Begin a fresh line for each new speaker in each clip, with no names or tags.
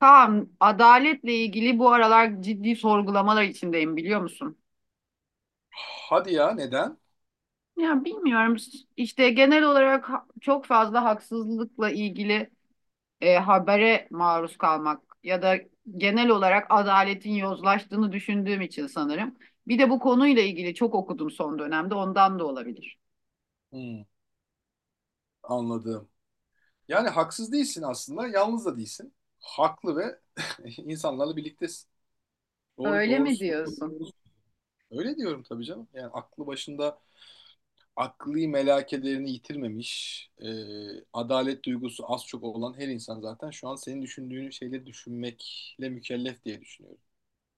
Kaan, adaletle ilgili bu aralar ciddi sorgulamalar içindeyim biliyor musun?
Hadi ya neden?
Ya bilmiyorum. İşte genel olarak çok fazla haksızlıkla ilgili habere maruz kalmak ya da genel olarak adaletin yozlaştığını düşündüğüm için sanırım. Bir de bu konuyla ilgili çok okudum son dönemde, ondan da olabilir.
Hmm, anladım. Yani haksız değilsin aslında, yalnız da değilsin. Haklı ve insanlarla birliktesin. Doğru,
Öyle mi
doğrusu, doğru,
diyorsun?
doğrusu. Öyle diyorum tabii canım. Yani aklı başında akli melekelerini yitirmemiş, e, adalet duygusu az çok olan her insan zaten şu an senin düşündüğün şeyleri düşünmekle mükellef diye düşünüyorum.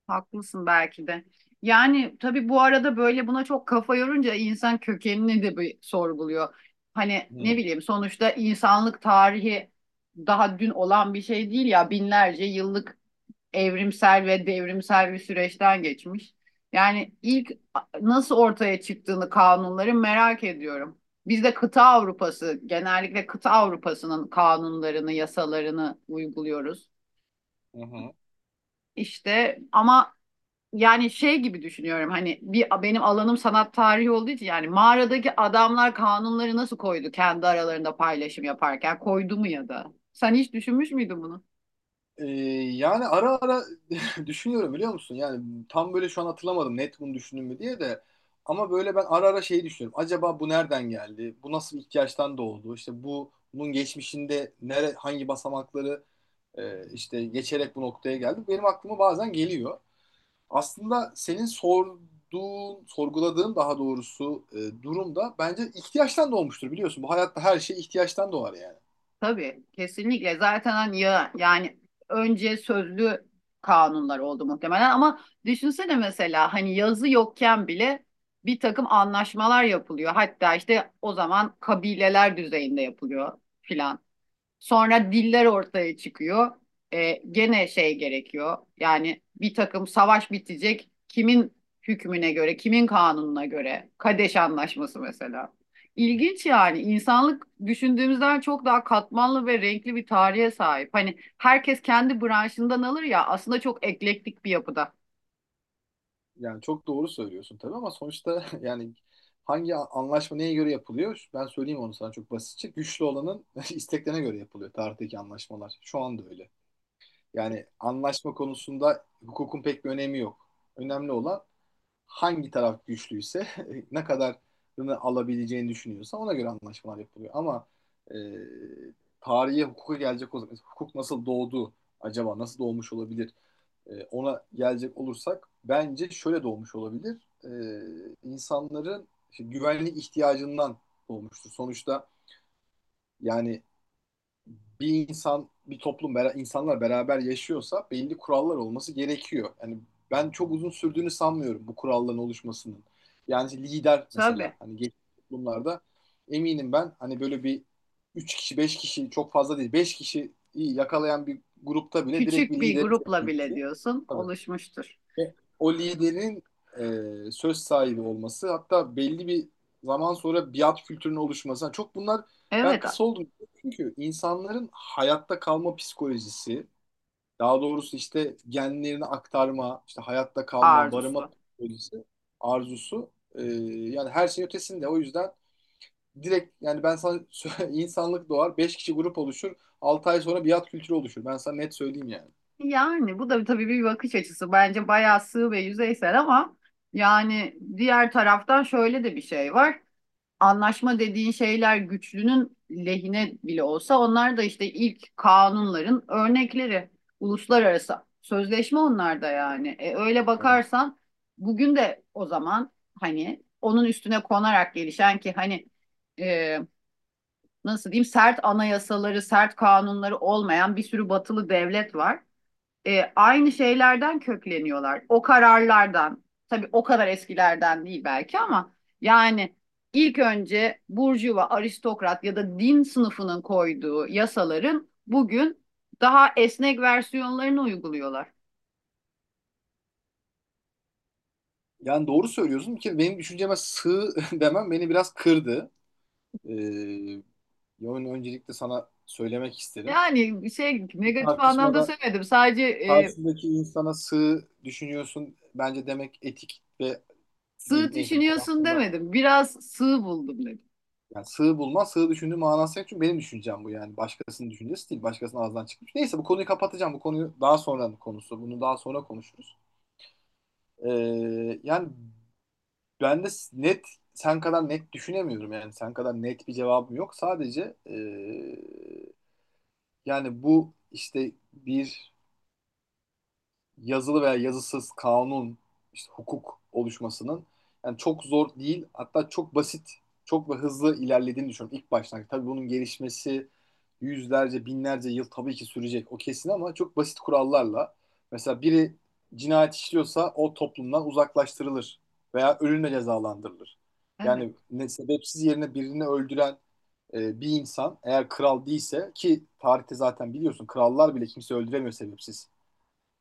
Haklısın belki de. Yani tabii bu arada böyle buna çok kafa yorunca insan kökenini de bir sorguluyor. Hani ne
Hmm.
bileyim, sonuçta insanlık tarihi daha dün olan bir şey değil ya, binlerce yıllık evrimsel ve devrimsel bir süreçten geçmiş. Yani ilk nasıl ortaya çıktığını, kanunları merak ediyorum. Biz de kıta Avrupası, genellikle kıta Avrupası'nın kanunlarını, yasalarını uyguluyoruz.
Hı hı.
İşte ama yani şey gibi düşünüyorum, hani bir, benim alanım sanat tarihi olduğu için, yani mağaradaki adamlar kanunları nasıl koydu, kendi aralarında paylaşım yaparken koydu mu ya da? Sen hiç düşünmüş müydün bunu?
Ee, yani ara ara düşünüyorum biliyor musun? Yani tam böyle şu an hatırlamadım net bunu düşündüm mü diye de ama böyle ben ara ara şeyi düşünüyorum. Acaba bu nereden geldi? Bu nasıl bir ihtiyaçtan doğdu? İşte bu bunun geçmişinde nere hangi basamakları işte geçerek bu noktaya geldi? Benim aklıma bazen geliyor. Aslında senin sorduğun, sorguladığın daha doğrusu durumda bence ihtiyaçtan doğmuştur biliyorsun. Bu hayatta her şey ihtiyaçtan doğar yani.
Tabii, kesinlikle zaten hani ya yani önce sözlü kanunlar oldu muhtemelen, ama düşünsene mesela hani yazı yokken bile bir takım anlaşmalar yapılıyor. Hatta işte o zaman kabileler düzeyinde yapılıyor filan. Sonra diller ortaya çıkıyor. E, gene şey gerekiyor. Yani bir takım savaş bitecek. Kimin hükmüne göre, kimin kanununa göre? Kadeş Anlaşması mesela. İlginç yani. İnsanlık düşündüğümüzden çok daha katmanlı ve renkli bir tarihe sahip. Hani herkes kendi branşından alır ya, aslında çok eklektik bir yapıda.
Yani çok doğru söylüyorsun tabii ama sonuçta yani hangi anlaşma neye göre yapılıyor? Ben söyleyeyim onu sana çok basitçe. Güçlü olanın isteklerine göre yapılıyor tarihteki anlaşmalar. Şu anda öyle. Yani anlaşma konusunda hukukun pek bir önemi yok. Önemli olan hangi taraf güçlüyse ne kadarını alabileceğini düşünüyorsa ona göre anlaşmalar yapılıyor. Ama e, tarihe hukuka gelecek olsak hukuk nasıl doğdu acaba? Nasıl doğmuş olabilir? Ona gelecek olursak bence şöyle doğmuş olabilir. E, insanların işte güvenlik ihtiyacından doğmuştur. Sonuçta yani bir insan, bir toplum, insanlar beraber yaşıyorsa belli kurallar olması gerekiyor. Yani ben çok uzun sürdüğünü sanmıyorum bu kuralların oluşmasının. Yani lider mesela
Tabii.
hani geçmiş toplumlarda eminim ben hani böyle bir 3 kişi 5 kişi çok fazla değil 5 kişi yakalayan bir grupta bile direkt
Küçük
bir
bir
lideri
grupla bile
seçmesi.
diyorsun
Tabii.
oluşmuştur.
O, o liderin söz sahibi olması hatta belli bir zaman sonra biat kültürünün oluşması. Çok bunlar ben
Evet.
kısa oldum. Çünkü insanların hayatta kalma psikolojisi, daha doğrusu işte genlerini aktarma, işte hayatta kalma, barınma
Arzusu.
psikolojisi, arzusu yani her şeyin ötesinde. O yüzden direkt yani ben sana insanlık doğar, 5 kişi grup oluşur, 6 ay sonra biat kültürü oluşur. Ben sana net söyleyeyim
Yani bu da tabii bir bakış açısı. Bence bayağı sığ ve yüzeysel, ama yani diğer taraftan şöyle de bir şey var. Anlaşma dediğin şeyler güçlünün lehine bile olsa, onlar da işte ilk kanunların örnekleri. Uluslararası sözleşme onlar da yani. E, öyle
yani.
bakarsan bugün de o zaman hani onun üstüne konarak gelişen, ki hani e, nasıl diyeyim, sert anayasaları, sert kanunları olmayan bir sürü batılı devlet var, aynı şeylerden kökleniyorlar. O kararlardan, tabii o kadar eskilerden değil belki ama yani ilk önce burjuva, aristokrat ya da din sınıfının koyduğu yasaların bugün daha esnek versiyonlarını uyguluyorlar.
Yani doğru söylüyorsun. Ki benim düşünceme sığ demem beni biraz kırdı. Ee, yani öncelikle sana söylemek isterim.
Yani şey,
Bir
negatif anlamda
tartışmada
söylemedim. Sadece
karşındaki insana sığ düşünüyorsun bence demek etik ve değil.
sığ
Neyse bu konu
düşünüyorsun
hakkında
demedim. Biraz sığ buldum dedim.
yani sığ bulma, sığ düşündüğü manası yok. Çünkü benim düşüncem bu yani. Başkasının düşüncesi değil. Başkasının ağzından çıkmış. Neyse bu konuyu kapatacağım. Bu konuyu daha sonra konusu. Bunu daha sonra konuşuruz. Ee, yani ben de net sen kadar net düşünemiyorum yani sen kadar net bir cevabım yok. Sadece yani bu işte bir yazılı veya yazısız kanun, işte hukuk oluşmasının yani çok zor değil, hatta çok basit, çok da hızlı ilerlediğini düşünüyorum ilk baştan. Tabii bunun gelişmesi yüzlerce, binlerce yıl tabii ki sürecek o kesin ama çok basit kurallarla. Mesela biri cinayet işliyorsa o toplumdan uzaklaştırılır veya ölümle cezalandırılır. Yani
Evet.
ne, sebepsiz yerine birini öldüren bir insan eğer kral değilse ki tarihte zaten biliyorsun krallar bile kimse öldüremiyor sebepsiz.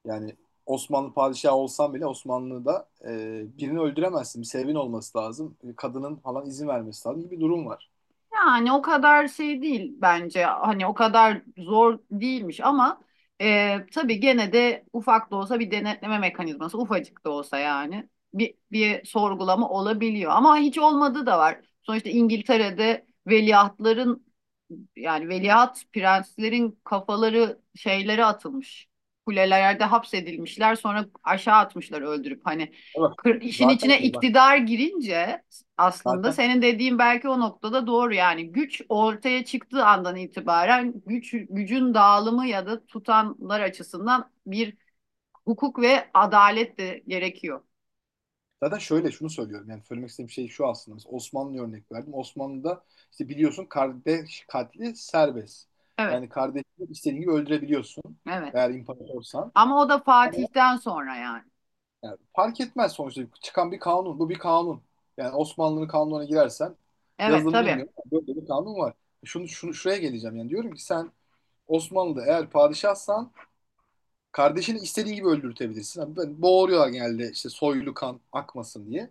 Yani Osmanlı padişahı olsan bile Osmanlı'da birini öldüremezsin. Bir sebebin olması lazım. E, kadının falan izin vermesi lazım gibi bir durum var.
Yani o kadar şey değil bence. Hani o kadar zor değilmiş, ama tabii gene de ufak da olsa bir denetleme mekanizması, ufacık da olsa yani bir sorgulama olabiliyor. Ama hiç olmadığı da var. Sonuçta İngiltere'de veliahtların, yani veliaht prenslerin kafaları şeylere atılmış. Kulelerde hapsedilmişler, sonra aşağı atmışlar öldürüp hani.
E bak
İşin
zaten
içine
öyle bak.
iktidar girince aslında
Zaten
senin dediğin belki o noktada doğru. Yani güç ortaya çıktığı andan itibaren güç, gücün dağılımı ya da tutanlar açısından bir hukuk ve adalet de gerekiyor.
zaten şöyle şunu söylüyorum. Yani söylemek istediğim şey şu aslında. Mesela Osmanlı'ya örnek verdim. Osmanlı'da işte biliyorsun kardeş katli serbest.
Evet,
Yani kardeşini istediğin gibi öldürebiliyorsun.
evet.
Eğer imparatorsan.
Ama o da Fatih'ten sonra yani.
Yani fark etmez sonuçta çıkan bir kanun. Bu bir kanun. Yani Osmanlı'nın kanununa girersen
Evet,
yazılımı
tabii.
bilmiyorum ama böyle bir kanun var. Şunu, şunu şuraya geleceğim yani diyorum ki sen Osmanlı'da eğer padişahsan kardeşini istediğin gibi öldürtebilirsin. Yani böyle boğuruyorlar genelde işte soylu kan akmasın diye.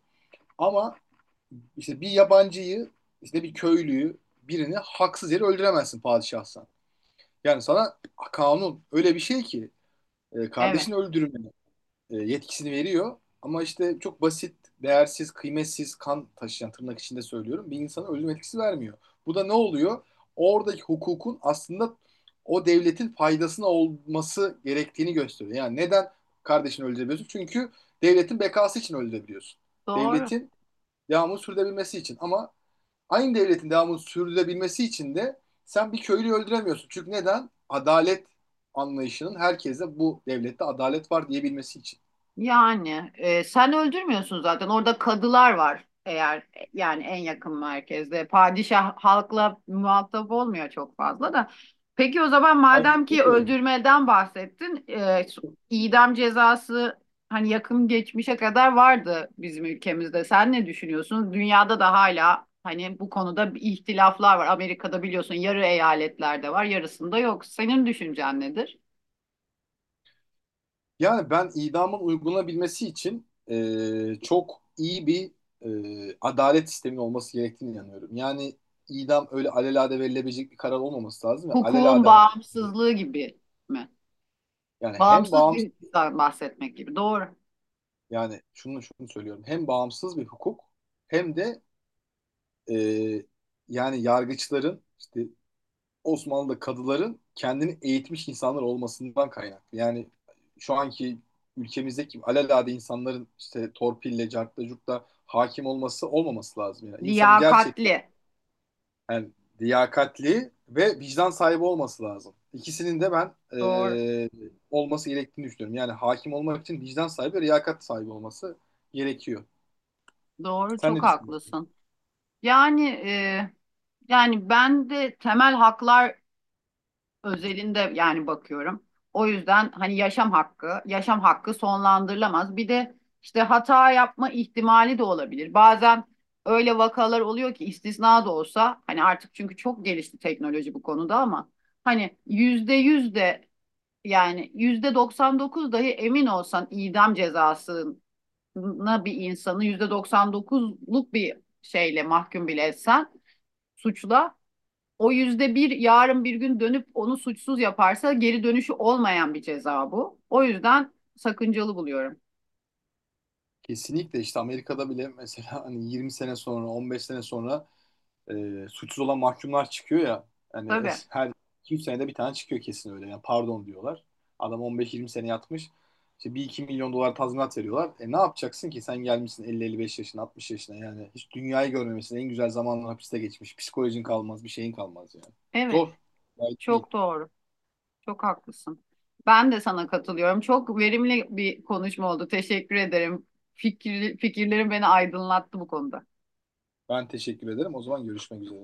Ama işte bir yabancıyı işte bir köylüyü birini haksız yere öldüremezsin padişahsan. Yani sana kanun öyle bir şey ki
Evet.
kardeşini öldürme yetkisini veriyor. Ama işte çok basit, değersiz, kıymetsiz kan taşıyan tırnak içinde söylüyorum. Bir insana ölüm etkisi vermiyor. Bu da ne oluyor? Oradaki hukukun aslında o devletin faydasına olması gerektiğini gösteriyor. Yani neden kardeşini öldürebiliyorsun? Çünkü devletin bekası için öldürebiliyorsun.
Doğru.
Devletin devamını sürdürebilmesi için. Ama aynı devletin devamını sürdürebilmesi için de sen bir köylüyü öldüremiyorsun. Çünkü neden? Adalet anlayışının herkese bu devlette adalet var diyebilmesi için.
Yani sen öldürmüyorsun zaten. Orada kadılar var eğer, yani en yakın merkezde. Padişah halkla muhatap olmuyor çok fazla da. Peki o zaman,
Ay,
madem ki
ne diyorum?
öldürmeden bahsettin, idam cezası hani yakın geçmişe kadar vardı bizim ülkemizde. Sen ne düşünüyorsun? Dünyada da hala hani bu konuda bir ihtilaflar var. Amerika'da biliyorsun yarı eyaletlerde var, yarısında yok. Senin düşüncen nedir?
Yani ben idamın uygulanabilmesi için çok iyi bir adalet sisteminin olması gerektiğine inanıyorum. Yani idam öyle alelade verilebilecek bir karar olmaması lazım ve
Hukukun bağımsızlığı gibi mi?
yani hem
Bağımsız
bağımsız
bir bahsetmek gibi. Doğru.
yani şunu şunu söylüyorum hem bağımsız bir hukuk hem de e, yani yargıçların işte Osmanlı'da kadıların kendini eğitmiş insanlar olmasından kaynaklı. Yani şu anki ülkemizdeki alelade insanların işte torpille, cartla, curtla hakim olması olmaması lazım. Yani insanın gerçekten
Liyakatli.
yani liyakatli ve vicdan sahibi olması lazım. İkisinin de ben
Doğru.
olması gerektiğini düşünüyorum. Yani hakim olmak için vicdan sahibi ve liyakat sahibi olması gerekiyor.
Doğru.
Sen
Çok
ne düşünüyorsun?
haklısın. Yani e, yani ben de temel haklar özelinde yani bakıyorum. O yüzden hani yaşam hakkı, yaşam hakkı sonlandırılamaz. Bir de işte hata yapma ihtimali de olabilir. Bazen öyle vakalar oluyor ki, istisna da olsa hani, artık çünkü çok gelişti teknoloji bu konuda ama hani yüzde yüz de. Yani %99 dahi emin olsan, idam cezasına bir insanı %99'luk bir şeyle mahkum bile etsen suçla, o yüzde bir yarın bir gün dönüp onu suçsuz yaparsa geri dönüşü olmayan bir ceza bu. O yüzden sakıncalı buluyorum.
Kesinlikle işte Amerika'da bile mesela hani 20 sene sonra, 15 sene sonra suçsuz olan mahkumlar çıkıyor ya. Yani
Tabii.
her 2-3 senede bir tane çıkıyor kesin öyle. Yani pardon diyorlar. Adam 15-20 sene yatmış. İşte bir iki milyon dolar tazminat veriyorlar. E ne yapacaksın ki? Sen gelmişsin elli elli beş yaşına, 60 yaşına yani. Hiç dünyayı görmemesin. En güzel zamanlar hapiste geçmiş. Psikolojin kalmaz, bir şeyin kalmaz yani.
Evet.
Zor. Gayet değil.
Çok doğru. Çok haklısın. Ben de sana katılıyorum. Çok verimli bir konuşma oldu. Teşekkür ederim. Fikirlerim beni aydınlattı bu konuda.
Ben teşekkür ederim. O zaman görüşmek üzere.